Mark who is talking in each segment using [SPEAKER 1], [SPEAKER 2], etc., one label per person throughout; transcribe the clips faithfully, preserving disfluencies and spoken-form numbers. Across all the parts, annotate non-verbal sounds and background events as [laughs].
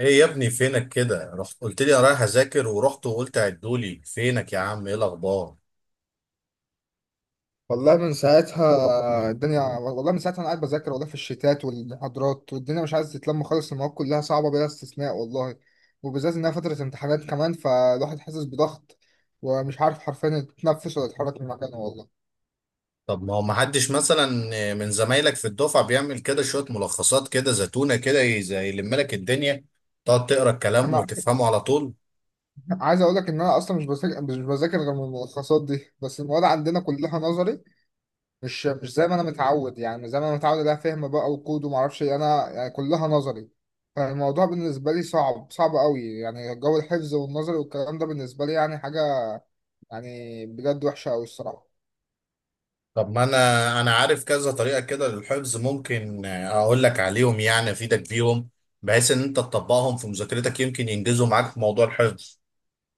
[SPEAKER 1] ايه يا ابني فينك كده؟ رحت قلت لي انا رايح اذاكر ورحت وقلت عدولي. فينك يا عم؟ ايه الاخبار؟
[SPEAKER 2] والله من ساعتها الدنيا والله من ساعتها انا قاعد بذاكر والله في الشتات والمحاضرات، والدنيا مش عايز تتلم خالص، المواد كلها صعبه بلا استثناء والله. وبالذات انها فتره امتحانات كمان، فالواحد حاسس بضغط، ومش عارف حرفيا يتنفس ولا يتحرك من مكانه والله.
[SPEAKER 1] طب ما هو ما حدش مثلا من زمايلك في الدفعه بيعمل كده شويه ملخصات كده زتونه كده ي- زي يلم لك الدنيا، تقعد تقرا الكلام
[SPEAKER 2] انا
[SPEAKER 1] وتفهمه على طول؟
[SPEAKER 2] عايز اقول لك ان انا اصلا مش بذاكر مش بذاكر غير من الملخصات دي، بس المواد عندنا كلها نظري. مش مش زي ما انا متعود، يعني مش زي ما انا متعود عليها فهم بقى وكود وما اعرفش إيه، انا يعني كلها نظري. فالموضوع بالنسبه لي صعب صعب قوي، يعني جو الحفظ والنظري والكلام ده بالنسبه لي يعني حاجه يعني بجد وحشه قوي الصراحه.
[SPEAKER 1] طب ما انا انا عارف كذا طريقه كده للحفظ، ممكن اقول لك عليهم يعني افيدك بيهم، بحيث ان انت تطبقهم في مذاكرتك يمكن ينجزوا معاك في موضوع الحفظ.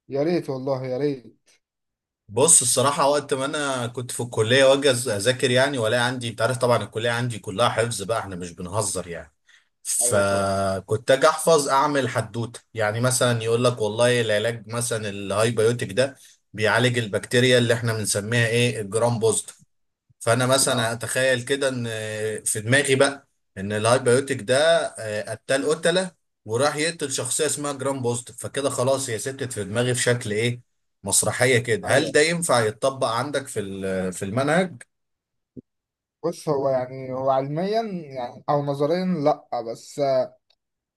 [SPEAKER 2] يا ريت والله يا ريت.
[SPEAKER 1] بص الصراحة، وقت ما أنا كنت في الكلية وأجي أز- أذاكر يعني ولا عندي، أنت عارف طبعا الكلية عندي كلها حفظ بقى، إحنا مش بنهزر يعني.
[SPEAKER 2] ايوه طبعا.
[SPEAKER 1] فكنت أجي أحفظ أعمل حدوتة، يعني مثلا يقول لك والله العلاج مثلا الهايبيوتيك ده بيعالج البكتيريا اللي إحنا بنسميها إيه؟ الجرام بوزيتيف. فانا مثلا
[SPEAKER 2] اه
[SPEAKER 1] اتخيل كده ان في دماغي بقى ان الهايبيوتيك ده آه، قتال قتله وراح يقتل شخصيه اسمها جرام بوزيتيف، فكده خلاص هي ستت في دماغي في شكل ايه؟ مسرحيه كده. هل
[SPEAKER 2] ايوه.
[SPEAKER 1] ده ينفع يتطبق عندك في ال- في المنهج؟
[SPEAKER 2] بص هو يعني هو علميا يعني او نظريا لا، بس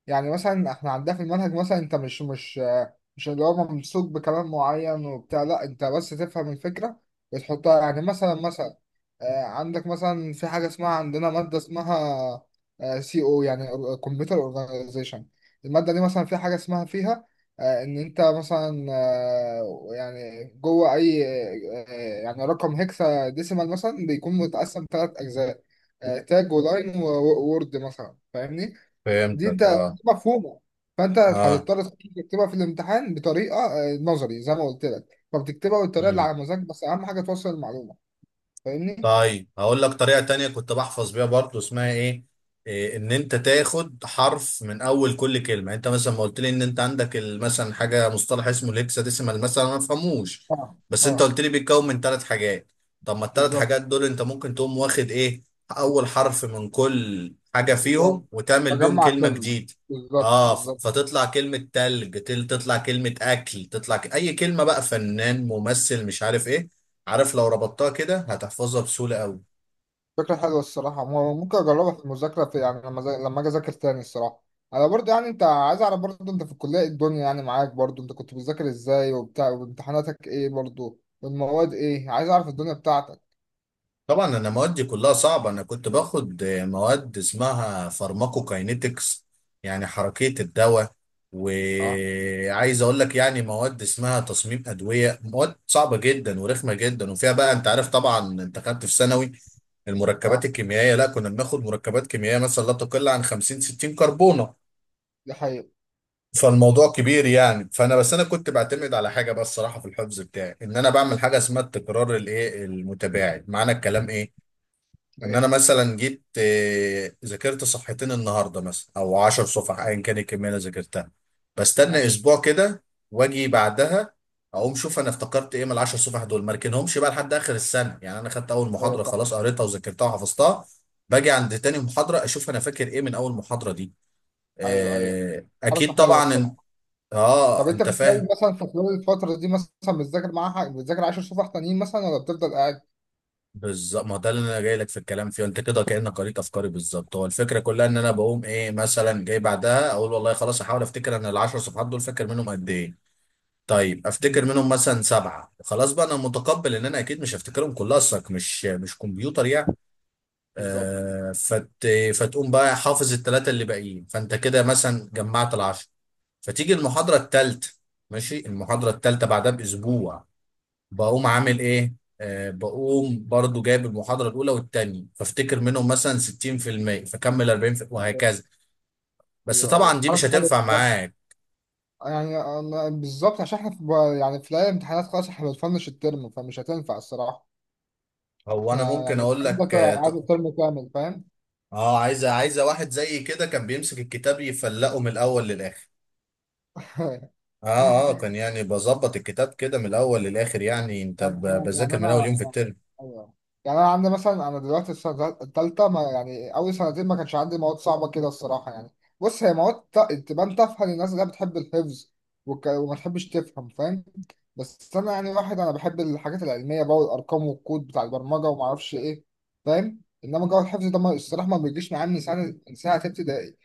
[SPEAKER 2] يعني مثلا احنا عندنا في المنهج، مثلا انت مش مش مش اللي هو ممسوك بكلام معين وبتاع، لا انت بس تفهم الفكرة وتحطها، يعني مثلا مثلا آه، عندك مثلا في حاجة اسمها، عندنا مادة اسمها سي او، يعني كمبيوتر اورجانيزيشن. المادة دي مثلا في حاجة اسمها فيها، آه، ان انت مثلا آه، يعني جوه اي آه، يعني رقم هكسا ديسيمال مثلا بيكون متقسم ثلاث اجزاء، آه، تاج ولاين وورد مثلا، فاهمني؟ دي انت
[SPEAKER 1] فهمتك. اه،
[SPEAKER 2] دي مفهومه. فانت
[SPEAKER 1] اه.
[SPEAKER 2] هتضطر تكتبها في الامتحان بطريقه آه، نظري زي ما قلت لك، فبتكتبها بالطريقه اللي على مزاجك، بس اهم حاجه توصل المعلومه. فاهمني؟
[SPEAKER 1] طيب هقول لك طريقة تانية كنت بحفظ بيها برضو، اسمها ايه؟ إيه، ان انت تاخد حرف من اول كل كلمة. يعني انت مثلا ما قلت لي ان انت عندك ال- مثلا حاجة مصطلح اسمه الهكساديسيمال مثلا، انا ما بفهموش،
[SPEAKER 2] اه
[SPEAKER 1] بس انت
[SPEAKER 2] اه.
[SPEAKER 1] قلت لي بيتكون من ثلاث حاجات. طب ما الثلاث
[SPEAKER 2] بالظبط.
[SPEAKER 1] حاجات دول انت ممكن تقوم واخد ايه؟ اول حرف من كل حاجة
[SPEAKER 2] و-
[SPEAKER 1] فيهم وتعمل بيهم
[SPEAKER 2] بجمع
[SPEAKER 1] كلمة
[SPEAKER 2] كلمه.
[SPEAKER 1] جديدة.
[SPEAKER 2] بالظبط
[SPEAKER 1] اه، ف-
[SPEAKER 2] بالظبط.
[SPEAKER 1] فتطلع كلمة تلج، تل- تطلع كلمة اكل، تطلع ك... اي كلمة بقى، فنان، ممثل، مش عارف ايه. عارف لو ربطتها كده هتحفظها بسهولة قوي.
[SPEAKER 2] فكره حلوه الصراحه، م- ممكن اجربها في المذاكره، في يعني لما ذا- لما اجي اذاكر تاني الصراحه. انا برضه، يعني انت عايز اعرف برضه انت في الكليه إيه الدنيا يعني معاك، برضه انت كنت بتذاكر ازاي وبتاع، وامتحاناتك ايه برضه، والمواد ايه، عايز اعرف الدنيا بتاعتك.
[SPEAKER 1] طبعا انا موادي كلها صعبة، انا كنت باخد آه، مواد اسمها فارماكوكاينيتكس، يعني حركية الدواء.
[SPEAKER 2] اه.
[SPEAKER 1] وعايز اقول لك يعني، مواد اسمها تصميم ادوية، مواد صعبة جدا ورخمة جدا. وفيها بقى، انت عارف طبعا انت خدت في ثانوي المركبات
[SPEAKER 2] اه.
[SPEAKER 1] الكيميائية، لا كنا بناخد مركبات كيميائية مثلا لا تقل عن خمسين ستين كربونة.
[SPEAKER 2] دي حقيقة.
[SPEAKER 1] فالموضوع كبير يعني. فانا بس انا كنت بعتمد على حاجه بس صراحه في الحفظ بتاعي، ان انا بعمل حاجه اسمها التكرار الايه المتباعد. معنى الكلام ايه؟ ان انا مثلا جيت آه، ذاكرت صفحتين النهارده مثلا او عشر صفح ايا كان الكميه اللي ذاكرتها، بستنى
[SPEAKER 2] ماشي.
[SPEAKER 1] اسبوع كده واجي بعدها اقوم شوف انا افتكرت ايه من ال عشر صفح دول، ما اركنهمش بقى لحد اخر السنه. يعني انا خدت اول
[SPEAKER 2] ايوه
[SPEAKER 1] محاضره
[SPEAKER 2] صح.
[SPEAKER 1] خلاص قريتها وذاكرتها وحفظتها، باجي عند تاني محاضره اشوف انا فاكر ايه من اول محاضره دي.
[SPEAKER 2] ايوه ايوه.
[SPEAKER 1] آه،
[SPEAKER 2] حركه
[SPEAKER 1] اكيد
[SPEAKER 2] حلوه
[SPEAKER 1] طبعا.
[SPEAKER 2] الصراحه. طب
[SPEAKER 1] اه،
[SPEAKER 2] انت
[SPEAKER 1] انت
[SPEAKER 2] في خلال
[SPEAKER 1] فاهم.
[SPEAKER 2] مثلا في خلال الفتره دي مثلا بتذاكر معاها، بتذاكر عشر صفح تانيين مثلا، ولا بتفضل قاعد؟
[SPEAKER 1] بالظبط، ما ده اللي انا جاي لك في الكلام فيه. انت كده كانك قريت افكاري بالظبط. هو الفكره كلها ان انا بقوم ايه؟ مثلا جاي بعدها اقول والله خلاص، احاول افتكر انا العشر صفحات دول فاكر منهم قد ايه؟ طيب
[SPEAKER 2] مم.
[SPEAKER 1] افتكر منهم مثلا سبعه، خلاص بقى انا متقبل ان انا اكيد مش هفتكرهم كلها، اصلك مش مش كمبيوتر يعني.
[SPEAKER 2] بالظبط.
[SPEAKER 1] آه فت فتقوم بقى حافظ الثلاثه اللي باقيين، فانت كده مثلا جمعت العشر. فتيجي المحاضره الثالثه. ماشي، المحاضره الثالثه بعدها باسبوع، بقوم عامل ايه؟ آه بقوم برضو جايب المحاضرة الأولى والتانية فافتكر منهم مثلا ستين في المية فكمل اربعين في المية
[SPEAKER 2] ايوه
[SPEAKER 1] وهكذا. بس
[SPEAKER 2] ايوه أيوة.
[SPEAKER 1] طبعا دي مش
[SPEAKER 2] حركه حلوه
[SPEAKER 1] هتنفع
[SPEAKER 2] الصراحة.
[SPEAKER 1] معاك.
[SPEAKER 2] يعني أنا- بالظبط، عشان احنا في، يعني في ليالي الامتحانات خلاص احنا بنفنش الترم، فمش هتنفع الصراحه.
[SPEAKER 1] هو أنا
[SPEAKER 2] احنا
[SPEAKER 1] ممكن
[SPEAKER 2] يعني
[SPEAKER 1] أقول
[SPEAKER 2] الترم
[SPEAKER 1] لك.
[SPEAKER 2] ده
[SPEAKER 1] اه
[SPEAKER 2] قاعد
[SPEAKER 1] ط-
[SPEAKER 2] الترم كامل فاهم.
[SPEAKER 1] آه، عايزة عايزة واحد زي كده كان بيمسك الكتاب يفلقه من الأول للآخر. اه. اه، كان
[SPEAKER 2] [laughs]
[SPEAKER 1] يعني بظبط الكتاب كده من الأول للآخر. يعني أنت
[SPEAKER 2] يعني
[SPEAKER 1] ب-
[SPEAKER 2] انا يعني
[SPEAKER 1] بذاكر من أول يوم في
[SPEAKER 2] انا
[SPEAKER 1] الترم.
[SPEAKER 2] ايوه. يعني انا عندي مثلا انا دلوقتي السنه الثالثه، ما يعني اول سنتين ما كانش عندي مواد صعبه كده الصراحه يعني. بص هي مواد ت- تبان تافهه للناس اللي هي بتحب الحفظ وك... وما تحبش تفهم فاهم. بس انا يعني واحد انا بحب الحاجات العلميه بقى والارقام والكود بتاع البرمجه وما اعرفش ايه فاهم، انما جو الحفظ ده ما الصراحه ما بيجيش معايا من سنه من ساعه ابتدائي.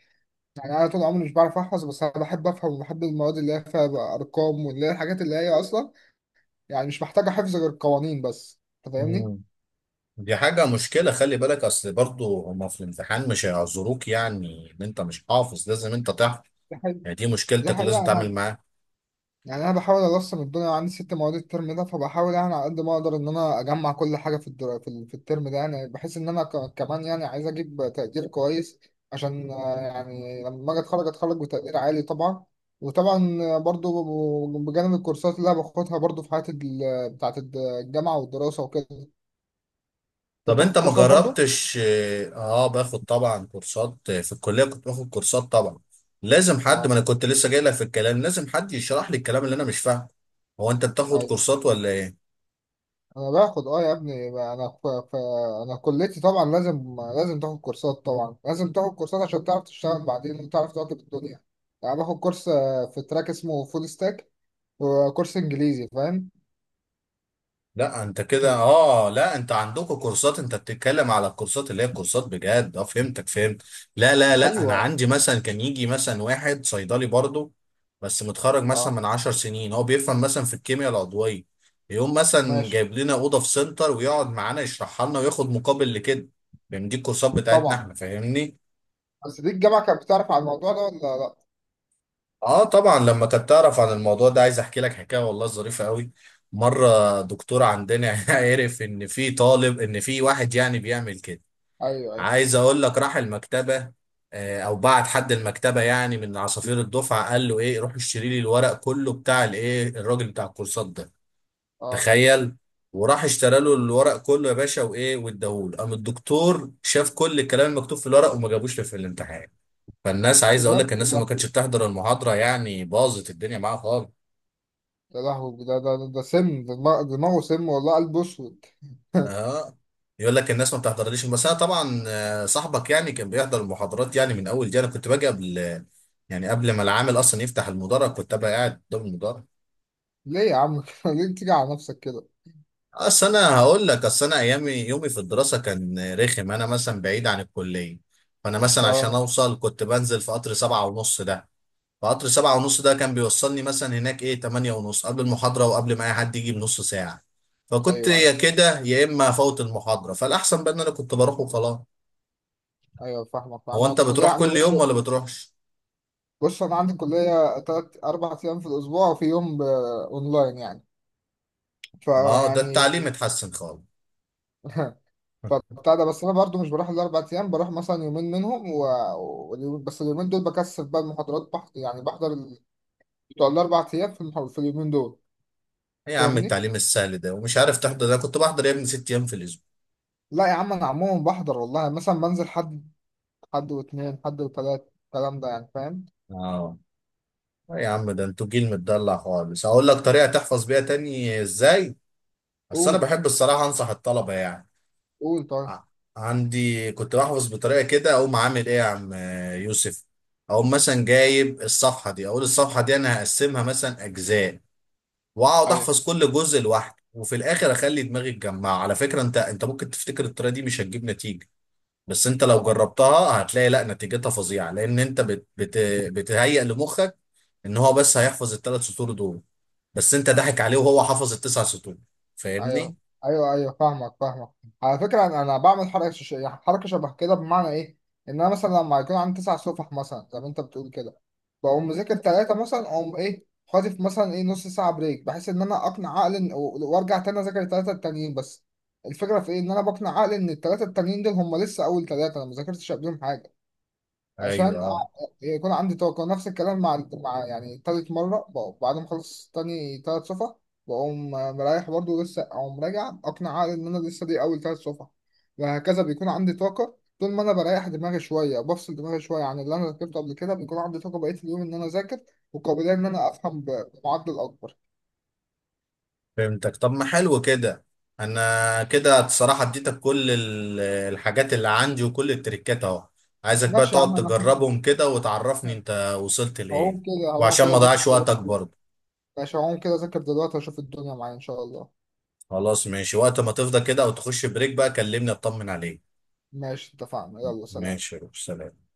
[SPEAKER 2] يعني انا طول عمري مش بعرف احفظ، بس انا بحب افهم وبحب المواد اللي هي فيها بقى ارقام، واللي هي الحاجات اللي هي اصلا يعني مش محتاجة حفظ غير القوانين بس. انت فاهمني؟
[SPEAKER 1] مم. دي حاجة مشكلة، خلي بالك، أصل برضو هما في الامتحان مش هيعذروك، يعني إن أنت مش حافظ لازم أنت تحفظ.
[SPEAKER 2] ده حقيقي.
[SPEAKER 1] يعني دي
[SPEAKER 2] دي
[SPEAKER 1] مشكلتك ولازم
[SPEAKER 2] حقيقة
[SPEAKER 1] تتعامل
[SPEAKER 2] يعني.
[SPEAKER 1] معاها.
[SPEAKER 2] يعني أنا بحاول أرسم الدنيا، عندي ست مواد الترم ده، فبحاول يعني على قد ما أقدر إن أنا أجمع كل حاجة في الدر... في ال- في الترم ده، يعني بحيث إن أنا ك... كمان يعني عايز أجيب تقدير كويس، عشان آه، يعني لما أجي أتخرج أتخرج بتقدير عالي طبعا. وطبعا آه، برضو ب- بجانب الكورسات اللي أنا باخدها برضو في حياتي ال... بتاعت الجامعة والدراسة وكده. أنت
[SPEAKER 1] طب انت
[SPEAKER 2] بتاخد
[SPEAKER 1] ما
[SPEAKER 2] كورسات برضو؟
[SPEAKER 1] جربتش. اه آه، باخد طبعا كورسات. آه، في الكليه كنت باخد كورسات طبعا. لازم حد، ما
[SPEAKER 2] اه
[SPEAKER 1] انا كنت لسه جاي لك في الكلام، لازم حد يشرح لي الكلام اللي انا مش فاهمه. هو انت بتاخد كورسات ولا ايه؟
[SPEAKER 2] انا باخد اه، يا ابني انا ف... ف... انا كليتي طبعا لازم، لازم تاخد كورسات، طبعا لازم تاخد كورسات عشان تعرف تشتغل بعدين وتعرف تواكب الدنيا. يعني باخد كورس آه، في تراك اسمه فول ستاك، وكورس انجليزي فاهم.
[SPEAKER 1] لا، انت كده، اه، لا، انت عندكم كورسات، انت بتتكلم على الكورسات اللي هي الكورسات بجد. اه، فهمتك، فهمت. لا، لا، لا، انا
[SPEAKER 2] ايوه
[SPEAKER 1] عندي مثلا كان يجي مثلا واحد صيدلي برضه، بس متخرج مثلا
[SPEAKER 2] اه.
[SPEAKER 1] من عشر سنين، هو بيفهم مثلا في الكيمياء العضوية، يقوم مثلا
[SPEAKER 2] ماشي
[SPEAKER 1] جايب لنا اوضه في سنتر ويقعد معانا يشرحها لنا وياخد مقابل لكده. فاهم؟ دي الكورسات بتاعتنا
[SPEAKER 2] طبعا.
[SPEAKER 1] احنا، فاهمني؟
[SPEAKER 2] بس دي الجامعه كانت بتعرف على الموضوع ده ولا لا؟
[SPEAKER 1] اه طبعا، لما كانت تعرف عن الموضوع ده، عايز احكي لك حكايه والله ظريفه قوي. مره دكتور عندنا [laughs] عرف ان في طالب ان في واحد يعني بيعمل كده.
[SPEAKER 2] ايوه ايوه.
[SPEAKER 1] عايز اقول لك، راح المكتبه آه، او بعت حد المكتبه يعني، من عصافير الدفعه، قال له ايه روح اشتري لي الورق كله بتاع الايه الراجل بتاع الكورسات ده.
[SPEAKER 2] اه
[SPEAKER 1] تخيل! وراح اشترى له الورق كله يا باشا وايه واداهوله، قام الدكتور شاف كل الكلام المكتوب في الورق وما جابوش في الامتحان. فالناس، عايز اقول
[SPEAKER 2] بجد
[SPEAKER 1] لك، الناس اللي
[SPEAKER 2] والله.
[SPEAKER 1] ما كانتش بتحضر المحاضره يعني باظت الدنيا معاها خالص.
[SPEAKER 2] يا لهوي، ده ده ده ده سم، ده دماغ- دماغه سم والله، قلبه اسود.
[SPEAKER 1] اه. يقول لك الناس ما بتحضرليش. بس انا طبعا آه، صاحبك يعني كان بيحضر المحاضرات، يعني من اول دي انا كنت باجي قبل، يعني قبل ما العامل اصلا يفتح المدرج كنت ابقى قاعد قدام المدرج.
[SPEAKER 2] [laughs] ليه يا عم [laughs] كده؟ ليه تيجي على نفسك كده؟
[SPEAKER 1] اصل انا هقول لك، اصل انا ايامي، يومي في الدراسه كان رخم، انا مثلا بعيد عن الكليه. فانا
[SPEAKER 2] ده-
[SPEAKER 1] مثلا عشان
[SPEAKER 2] آه،
[SPEAKER 1] اوصل كنت بنزل في قطر سبعة ونص ده. فقطر سبعة ونص ده كان بيوصلني مثلا هناك ايه تمانية ونص قبل المحاضرة، وقبل ما اي حد يجي بنص ساعة. فكنت
[SPEAKER 2] ايوه
[SPEAKER 1] يا
[SPEAKER 2] ايوه.
[SPEAKER 1] كده يا اما افوت المحاضرة، فالاحسن بقى ان انا كنت بروح وخلاص.
[SPEAKER 2] ايوه فاهمك.
[SPEAKER 1] هو
[SPEAKER 2] انا
[SPEAKER 1] انت
[SPEAKER 2] الكليه
[SPEAKER 1] بتروح
[SPEAKER 2] عندي
[SPEAKER 1] كل يوم ولا
[SPEAKER 2] برضه،
[SPEAKER 1] بتروحش؟
[SPEAKER 2] بص انا عندي كليه تلات اربع ايام في الاسبوع، وفي يوم ب- اونلاين يعني،
[SPEAKER 1] اه، ده
[SPEAKER 2] فيعني
[SPEAKER 1] التعليم اتحسن خالص.
[SPEAKER 2] فبتاع ده. بس انا برضه مش بروح الاربع ايام، بروح مثلا يومين منهم و... و... بس اليومين دول بكثف بقى المحاضرات بح... يعني بحضر ال... بتوع الاربع ايام في, المح... في اليومين دول.
[SPEAKER 1] ايه يا عم
[SPEAKER 2] فاهمني؟
[SPEAKER 1] التعليم السهل ده ومش عارف تحضر؟ ده أنا كنت بحضر يا ابني ست ايام في الاسبوع.
[SPEAKER 2] لا يا عم انا عموما بحضر والله، مثلا بنزل حد، حد واثنين، حد وثلاث، الكلام ده يعني فاهم؟
[SPEAKER 1] اه. إيه يا عم، ده انتوا جيل متدلع خالص. هقول لك طريقة تحفظ بيها تاني ازاي. بس انا
[SPEAKER 2] قول.
[SPEAKER 1] بحب الصراحة انصح الطلبة يعني.
[SPEAKER 2] قول.
[SPEAKER 1] ع- عندي كنت بحفظ بطريقه كده، اقوم عامل ايه يا عم آه، يوسف. اقوم مثلا جايب الصفحه دي، اقول الصفحه دي انا هقسمها مثلا اجزاء، واقعد
[SPEAKER 2] طيب.
[SPEAKER 1] احفظ كل جزء لوحده، وفي الاخر اخلي دماغي تجمعها. على فكره انت انت ممكن تفتكر الطريقه دي مش هتجيب نتيجه، بس انت لو
[SPEAKER 2] ايوه
[SPEAKER 1] جربتها هتلاقي لا نتيجتها فظيعه، لان انت بت بت بتهيئ لمخك ان هو بس هيحفظ الثلاث سطور دول، بس انت
[SPEAKER 2] اه.
[SPEAKER 1] ضحك عليه وهو حفظ التسع سطور.
[SPEAKER 2] ايوه
[SPEAKER 1] فاهمني؟
[SPEAKER 2] ايوه ايوه فاهمك فاهمك. على فكره انا أنا بعمل حركه ش- يعني حركه شبه كده، بمعنى ايه، ان انا مثلا لما يكون عندي تسع صفح مثلا زي ما انت بتقول كده، بقوم مذاكر ثلاثه مثلا، اقوم ايه خاطف مثلا ايه نص ساعه بريك، بحيث ان انا اقنع عقلي إن- و- وارجع تاني اذاكر الثلاثه التانيين بس. الفكره في ايه، ان انا بقنع عقلي ان الثلاثه التانيين دول هم لسه اول ثلاثه انا ما ذاكرتش قبلهم حاجه.
[SPEAKER 1] ايوه،
[SPEAKER 2] عشان
[SPEAKER 1] آه.
[SPEAKER 2] أع- يكون عندي طاقة. نفس الكلام مع مع يعني تالت مرة، بقوم بعد ما أخلص تاني تلات صفح، بقوم مريح برضه لسه، أقوم راجع أقنع عقلي إن أنا لسه دي أول تلات صفح. وهكذا بيكون عندي طاقة طول ما أنا بريح دماغي شوية وبفصل دماغي شوية عن اللي أنا ذاكرته قبل كده، بيكون عندي طاقة بقية اليوم إن أنا أذاكر وقابلية إن أنا أفهم ب- بمعدل أكبر.
[SPEAKER 1] فهمتك. طب ما حلو كده، انا كده الصراحه اديتك كل ال- الحاجات اللي عندي وكل التريكات اهو. عايزك بقى
[SPEAKER 2] ماشي يا
[SPEAKER 1] تقعد
[SPEAKER 2] عم. أنا
[SPEAKER 1] تجربهم كده وتعرفني انت وصلت لايه،
[SPEAKER 2] هقوم كده هقوم
[SPEAKER 1] وعشان
[SPEAKER 2] كده
[SPEAKER 1] ما
[SPEAKER 2] أذاكر
[SPEAKER 1] اضيعش وقتك
[SPEAKER 2] دلوقتي.
[SPEAKER 1] برضه.
[SPEAKER 2] ماشي هقوم كده أذاكر دلوقتي وأشوف الدنيا معايا إن شاء الله.
[SPEAKER 1] خلاص، ماشي، وقت ما تفضى كده او تخش بريك بقى كلمني اطمن عليك.
[SPEAKER 2] ماشي اتفقنا. يلا سلام.
[SPEAKER 1] ماشي يا روح، سلام.